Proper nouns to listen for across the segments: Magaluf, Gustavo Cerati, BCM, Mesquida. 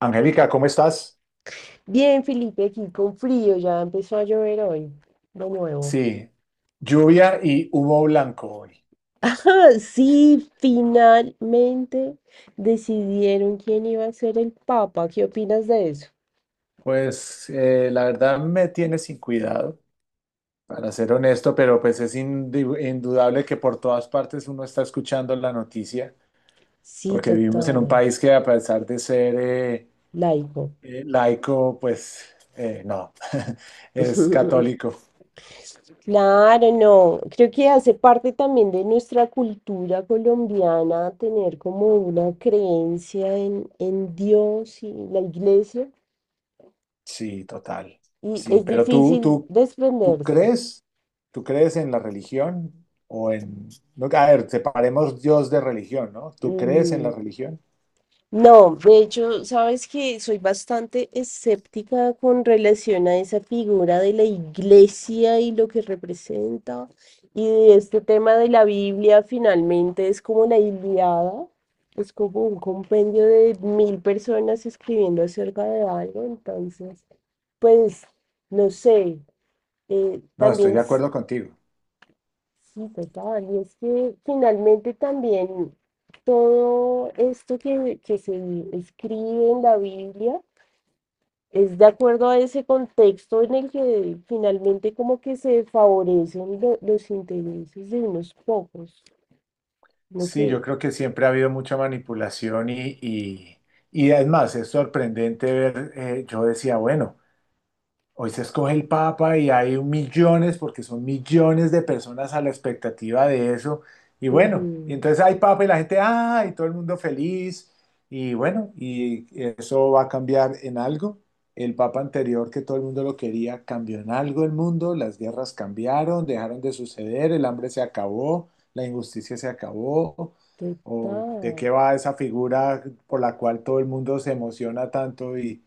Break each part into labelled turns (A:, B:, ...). A: Angélica, ¿cómo estás?
B: Bien, Felipe, aquí con frío, ya empezó a llover hoy, de nuevo.
A: Sí, lluvia y humo blanco hoy.
B: Ajá, sí, finalmente decidieron quién iba a ser el Papa. ¿Qué opinas de eso?
A: Pues la verdad me tiene sin cuidado, para ser honesto, pero pues es indudable que por todas partes uno está escuchando la noticia,
B: Sí,
A: porque vivimos en un
B: total,
A: país que a pesar de ser
B: laico.
A: laico, pues no, es católico.
B: Claro, no. Creo que hace parte también de nuestra cultura colombiana tener como una creencia en Dios y la iglesia.
A: Sí, total.
B: Y
A: Sí,
B: es
A: pero tú,
B: difícil
A: tú, tú
B: desprenderse.
A: crees, ¿tú crees en la religión o en...? No, a ver, separemos Dios de religión, ¿no? ¿Tú crees en la
B: Ujú.
A: religión?
B: No, de hecho, sabes que soy bastante escéptica con relación a esa figura de la iglesia y lo que representa. Y de este tema de la Biblia, finalmente es como la Ilíada, es como un compendio de mil personas escribiendo acerca de algo. Entonces, pues, no sé,
A: No, estoy
B: también
A: de acuerdo contigo.
B: sí, total, y es que finalmente también todo esto que se escribe en la Biblia es de acuerdo a ese contexto en el que finalmente como que se favorecen los intereses de unos pocos. No
A: Sí,
B: sé,
A: yo creo que siempre ha habido mucha manipulación y es más, es sorprendente ver, yo decía, bueno. Hoy se escoge el Papa y hay millones, porque son millones de personas a la expectativa de eso. Y bueno, y
B: ujú,
A: entonces hay Papa y la gente, ah, y todo el mundo feliz. Y bueno, y eso va a cambiar en algo. El Papa anterior, que todo el mundo lo quería, cambió en algo el mundo. Las guerras cambiaron, dejaron de suceder, el hambre se acabó, la injusticia se acabó. ¿O de
B: total.
A: qué va esa figura por la cual todo el mundo se emociona tanto y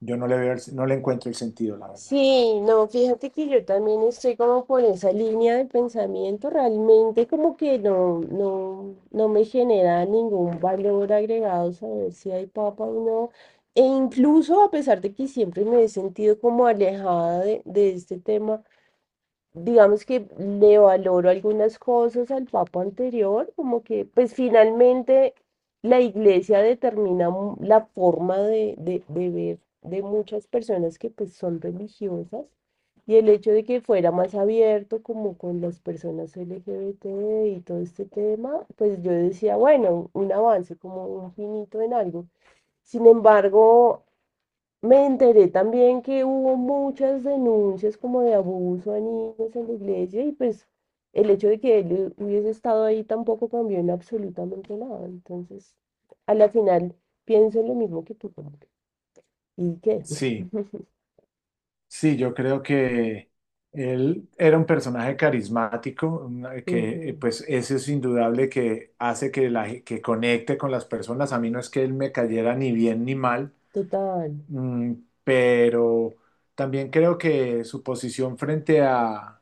A: yo no le veo, no le encuentro el sentido, la verdad?
B: Sí, no, fíjate que yo también estoy como por esa línea de pensamiento, realmente como que no me genera ningún valor agregado saber si hay papa o no. E incluso a pesar de que siempre me he sentido como alejada de este tema, digamos que le valoro algunas cosas al papa anterior, como que pues finalmente la iglesia determina la forma de ver de muchas personas que pues son religiosas y el hecho de que fuera más abierto como con las personas LGBT y todo este tema, pues yo decía, bueno, un avance como un finito en algo. Sin embargo, me enteré también que hubo muchas denuncias como de abuso a niños en la iglesia y pues el hecho de que él hubiese estado ahí tampoco cambió en absolutamente nada. Entonces, a la final pienso en lo mismo que tú, como que, ¿y qué?
A: Sí, sí, yo creo que él era un personaje carismático, una- que
B: Ujú,
A: pues eso es indudable que hace que, que conecte con las personas. A mí no es que él me cayera ni bien ni mal,
B: total.
A: mm, pero también creo que su posición frente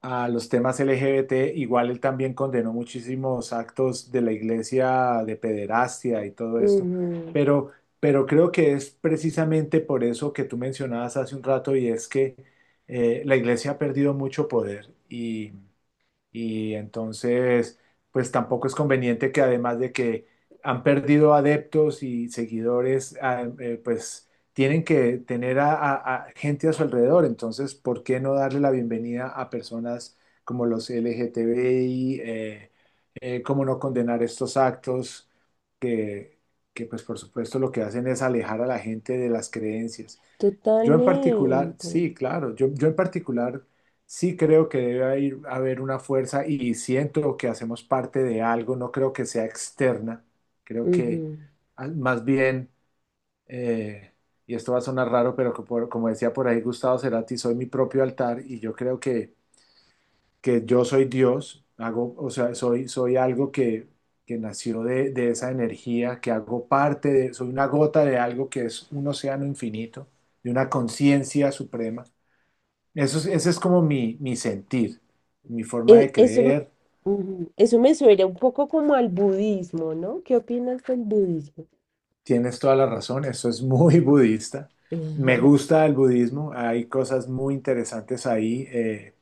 A: a los temas LGBT, igual él también condenó muchísimos actos de la iglesia de pederastia y todo esto,
B: Ujú,
A: pero, pero creo que es precisamente por eso que tú mencionabas hace un rato y es que la iglesia ha perdido mucho poder y entonces, pues tampoco es conveniente que además de que han perdido adeptos y seguidores, pues tienen que tener a gente a su alrededor. Entonces, ¿por qué no darle la bienvenida a personas como los LGTBI? ¿Cómo no condenar estos actos que, que, pues por supuesto lo que hacen es alejar a la gente de las creencias? Yo en particular,
B: totalmente.
A: sí, claro, yo en particular sí creo que debe haber, haber una fuerza y siento que hacemos parte de algo, no creo que sea externa, creo que
B: Ujú.
A: ah, más bien, eh, y esto va a sonar raro, pero como, como decía por ahí Gustavo Cerati, soy mi propio altar y yo creo que yo soy Dios, hago, o sea, soy algo que nació de esa energía, que hago parte de, soy una gota de algo que es un océano infinito, de una conciencia suprema. Eso es, ese es como mi sentir, mi forma de
B: Eso,
A: creer.
B: ujú, eso me suena un poco como al budismo, ¿no? ¿Qué opinas del budismo?
A: Tienes toda la razón, eso es muy budista. Me gusta el budismo, hay cosas muy interesantes ahí.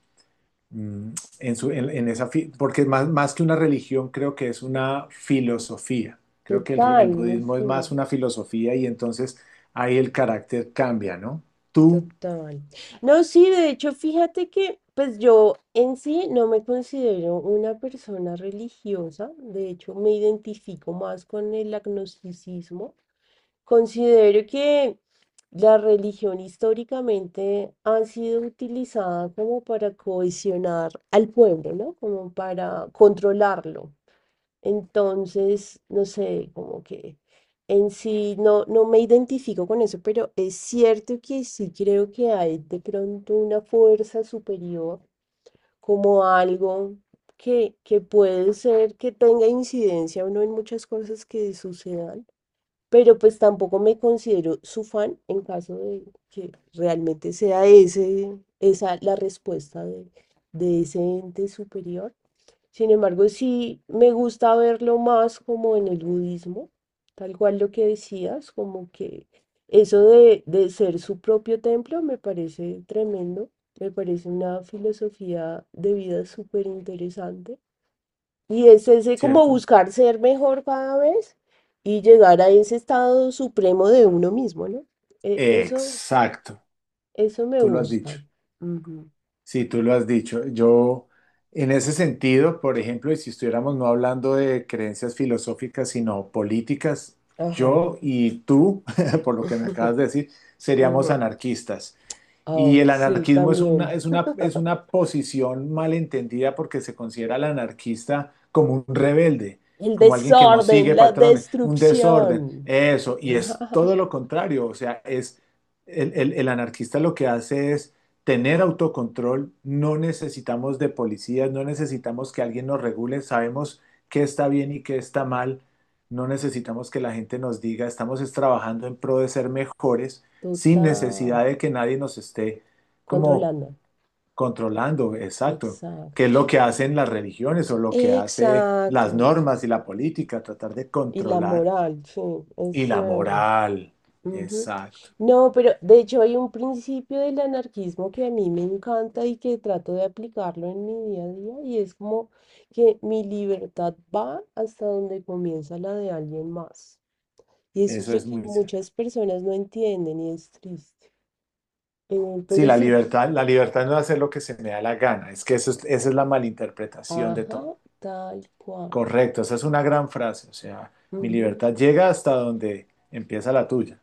A: mm, en su, en esa, porque más, más que una religión creo que es una filosofía. Creo que
B: Total,
A: el
B: no
A: budismo es
B: sé.
A: más una filosofía y entonces ahí el carácter cambia, ¿no? Tú,
B: Total. No, sí, de hecho, fíjate que pues yo en sí no me considero una persona religiosa, de hecho me identifico más con el agnosticismo. Considero que la religión históricamente ha sido utilizada como para cohesionar al pueblo, ¿no? Como para controlarlo. Entonces, no sé, como que en sí no me identifico con eso, pero es cierto que sí creo que hay de pronto una fuerza superior, como algo que puede ser que tenga incidencia o no en muchas cosas que sucedan, pero pues tampoco me considero su fan en caso de que realmente sea esa la respuesta de ese ente superior. Sin embargo, sí me gusta verlo más como en el budismo, tal cual lo que decías, como que eso de ser su propio templo me parece tremendo, me parece una filosofía de vida súper interesante. Y es ese como
A: ¿cierto?
B: buscar ser mejor cada vez y llegar a ese estado supremo de uno mismo, ¿no? Eso,
A: Exacto,
B: eso me
A: tú lo has dicho.
B: gusta. Ujú.
A: Sí, tú lo has dicho. Yo, en ese sentido, por ejemplo, y si estuviéramos no hablando de creencias filosóficas, sino políticas,
B: Ajá.
A: yo y tú, por lo que me acabas de decir, seríamos
B: Ujú.
A: anarquistas. Y
B: Ah,
A: el
B: sí,
A: anarquismo es una,
B: también.
A: es una posición malentendida porque se considera al anarquista como un rebelde,
B: El
A: como alguien que no sigue
B: desorden, la
A: patrones, un desorden,
B: destrucción.
A: eso. Y es todo lo contrario, o sea, es el anarquista lo que hace es tener autocontrol, no necesitamos de policías, no necesitamos que alguien nos regule, sabemos qué está bien y qué está mal, no necesitamos que la gente nos diga, estamos es trabajando en pro de ser mejores sin necesidad
B: Total.
A: de que nadie nos esté como
B: Controlando.
A: controlando, exacto, que es lo
B: Exacto.
A: que hacen las religiones o lo que hace las
B: Exacto.
A: normas y la política, tratar de
B: Y la
A: controlar
B: moral, sí, es
A: y la
B: cierto.
A: moral,
B: Ujú.
A: exacto,
B: No, pero de hecho hay un principio del anarquismo que a mí me encanta y que trato de aplicarlo en mi día a día y es como que mi libertad va hasta donde comienza la de alguien más. Y eso es
A: eso
B: lo
A: es
B: que
A: muy cierto.
B: muchas personas no entienden y es triste. Eh,
A: Sí,
B: pero sí,
A: la libertad no es hacer lo que se me da la gana, es que esa es la malinterpretación de todo.
B: ajá, tal cual.
A: Correcto, esa es una gran frase, o sea, mi
B: Ujú,
A: libertad llega hasta donde empieza la tuya.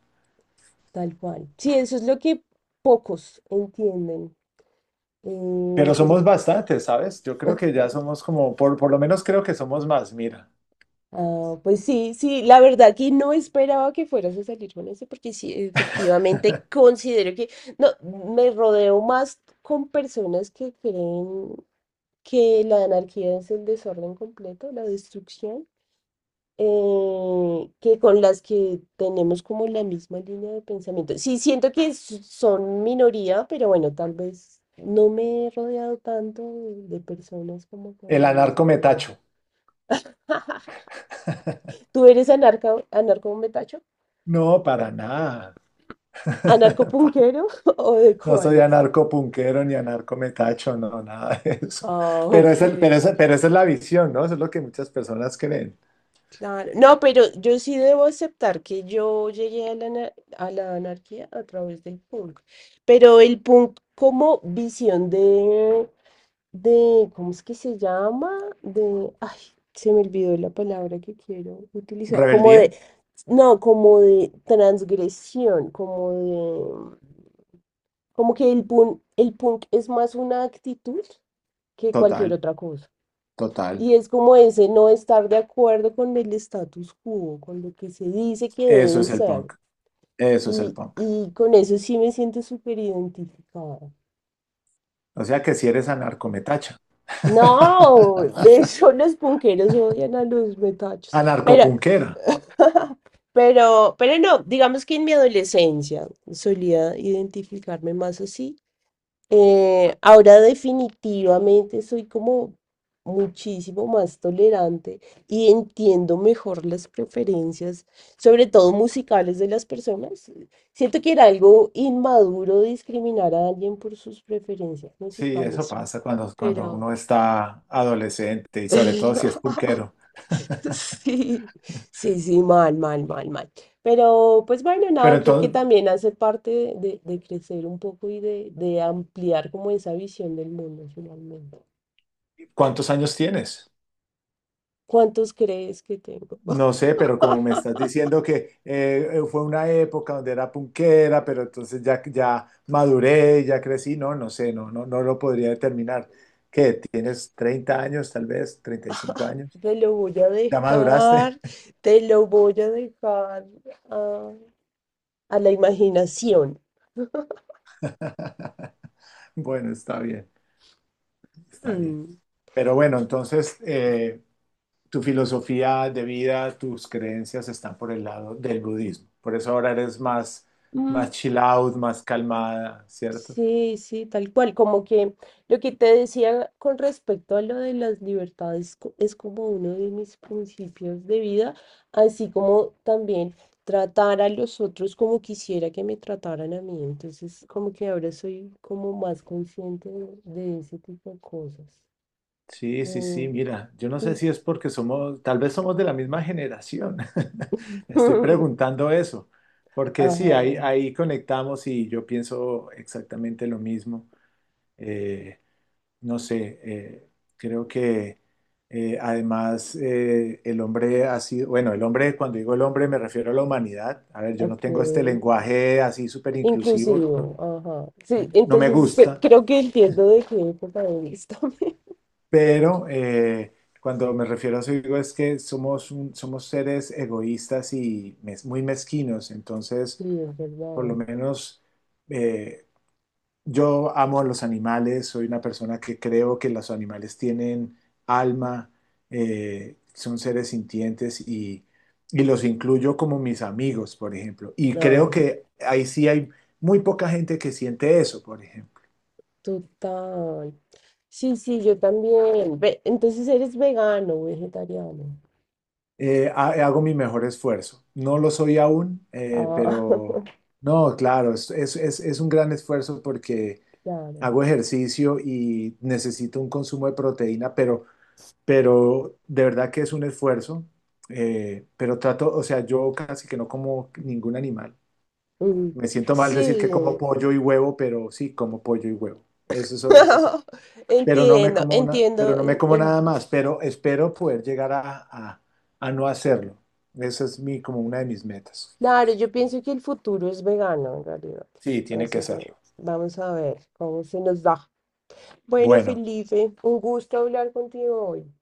B: tal cual. Sí, eso es lo que pocos entienden.
A: Pero
B: eh,
A: somos
B: pero,
A: bastantes, ¿sabes? Yo creo que ya somos como, por lo menos creo que somos más, mira.
B: ah, pues sí, sí, la verdad que no esperaba que fueras a salir con eso, porque sí, efectivamente considero que no, me rodeo más con personas que creen que la anarquía es el desorden completo, la destrucción. Que con las que tenemos como la misma línea de pensamiento. Sí, siento que son minoría, pero bueno, tal vez no me he rodeado tanto de personas como con
A: El
B: la misma línea.
A: anarcometacho.
B: ¿Tú eres anarca, anarco metacho?
A: No, para nada.
B: ¿Anarcopunquero o de
A: No soy
B: cuáles?
A: anarco punquero ni anarcometacho, no, nada de eso.
B: Ah,
A: Pero,
B: ok,
A: es el, pero esa es la visión, ¿no? Eso es lo que muchas personas creen.
B: claro. No, pero yo sí debo aceptar que yo llegué a la, a la anarquía a través del punk, pero el punk como visión de ¿cómo es que se llama? De, ay, se me olvidó la palabra que quiero utilizar, como de,
A: Rebeldía,
B: no, como de transgresión, como de, como que el punk es más una actitud que cualquier
A: total,
B: otra cosa.
A: total.
B: Y es como ese no estar de acuerdo con el status quo, con lo que se dice que
A: Eso
B: debe
A: es el
B: ser.
A: punk. Eso es el
B: Y,
A: punk.
B: y con eso sí me siento súper identificada.
A: O sea que si eres anarco me
B: No, de hecho los punqueros odian a los metachos. Pero
A: anarcopunquera.
B: Pero no, digamos que en mi adolescencia solía identificarme más así. Ahora definitivamente soy como muchísimo más tolerante y entiendo mejor las preferencias, sobre todo musicales de las personas. Siento que era algo inmaduro discriminar a alguien por sus preferencias
A: Sí, eso
B: musicales,
A: pasa cuando, cuando
B: pero,
A: uno está adolescente y sobre todo si es punquero.
B: sí, sí, mal, mal. Pero pues bueno,
A: Pero
B: nada, creo que
A: entonces,
B: también hace parte de crecer un poco y de ampliar como esa visión del mundo finalmente.
A: ¿cuántos años tienes?
B: ¿Cuántos crees que tengo?
A: No sé, pero como me estás diciendo que fue una época donde era punquera, pero entonces ya, ya maduré, ya crecí, no, no sé, no, no, no lo podría determinar. ¿Qué? ¿Tienes 30 años, tal vez? ¿35 años?
B: Te lo voy a
A: ¿Ya maduraste?
B: dejar, te lo voy a dejar a, a la imaginación.
A: Bueno, está bien, está bien. Pero bueno, entonces, tu filosofía de vida, tus creencias están por el lado del budismo. Por eso ahora eres más, más chill out, más calmada, ¿cierto?
B: Sí, sí, tal cual, como que lo que te decía con respecto a lo de las libertades es como uno de mis principios de vida, así como también tratar a los otros como quisiera que me trataran a mí, entonces como que ahora soy como más consciente de ese tipo de cosas.
A: Sí, sí, sí,
B: Eh,
A: mira, yo no
B: y
A: sé si
B: s-
A: es porque somos, tal vez somos de la misma generación. Me estoy preguntando eso, porque sí, ahí,
B: Ajá,
A: ahí conectamos y yo pienso exactamente lo mismo. Eh, no sé, creo que además el hombre ha sido, bueno, el hombre, cuando digo el hombre me refiero a la humanidad. A ver, yo no tengo este
B: ok,
A: lenguaje así súper inclusivo, no,
B: inclusivo, ajá, sí,
A: no me
B: entonces
A: gusta,
B: creo que entiendo de qué época eres también.
A: pero cuando me refiero a eso digo es que somos, somos seres egoístas y muy mezquinos,
B: Sí,
A: entonces
B: es
A: por lo
B: verdad.
A: menos... eh, yo amo a los animales, soy una persona que creo que los animales tienen alma, son seres sintientes y los incluyo como mis amigos, por ejemplo. Y
B: No,
A: creo
B: es
A: que ahí sí hay muy poca gente que siente eso, por ejemplo.
B: total. Sí, sí, yo también. Entonces eres vegano, vegetariano.
A: Hago mi mejor esfuerzo. No lo soy aún,
B: Ah,
A: pero no, claro, es un gran esfuerzo porque
B: claro.
A: hago ejercicio y necesito un consumo de proteína, pero de verdad que es un esfuerzo, pero trato, o sea, yo casi que no como ningún animal.
B: Mm,
A: Me siento mal decir que como
B: sí.
A: pollo y huevo, pero sí, como pollo y huevo. Pero no me
B: Entiendo,
A: como una, pero
B: entiendo.
A: no me como nada más, pero espero poder llegar a, a no hacerlo. Esa es mi, como una de mis metas.
B: Claro, yo pienso que el futuro es vegano en realidad.
A: Sí, tiene que
B: Así que
A: serlo.
B: vamos a ver cómo se nos da. Bueno,
A: Bueno,
B: Felipe, un gusto hablar contigo hoy.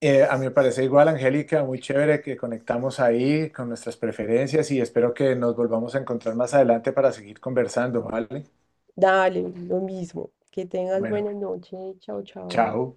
A: a mí me parece igual, Angélica, muy chévere que conectamos ahí con nuestras preferencias y espero que nos volvamos a encontrar más adelante para seguir conversando, ¿vale?
B: Dale, lo mismo. Que tengas
A: Bueno,
B: buena noche. Chao, chao.
A: chao.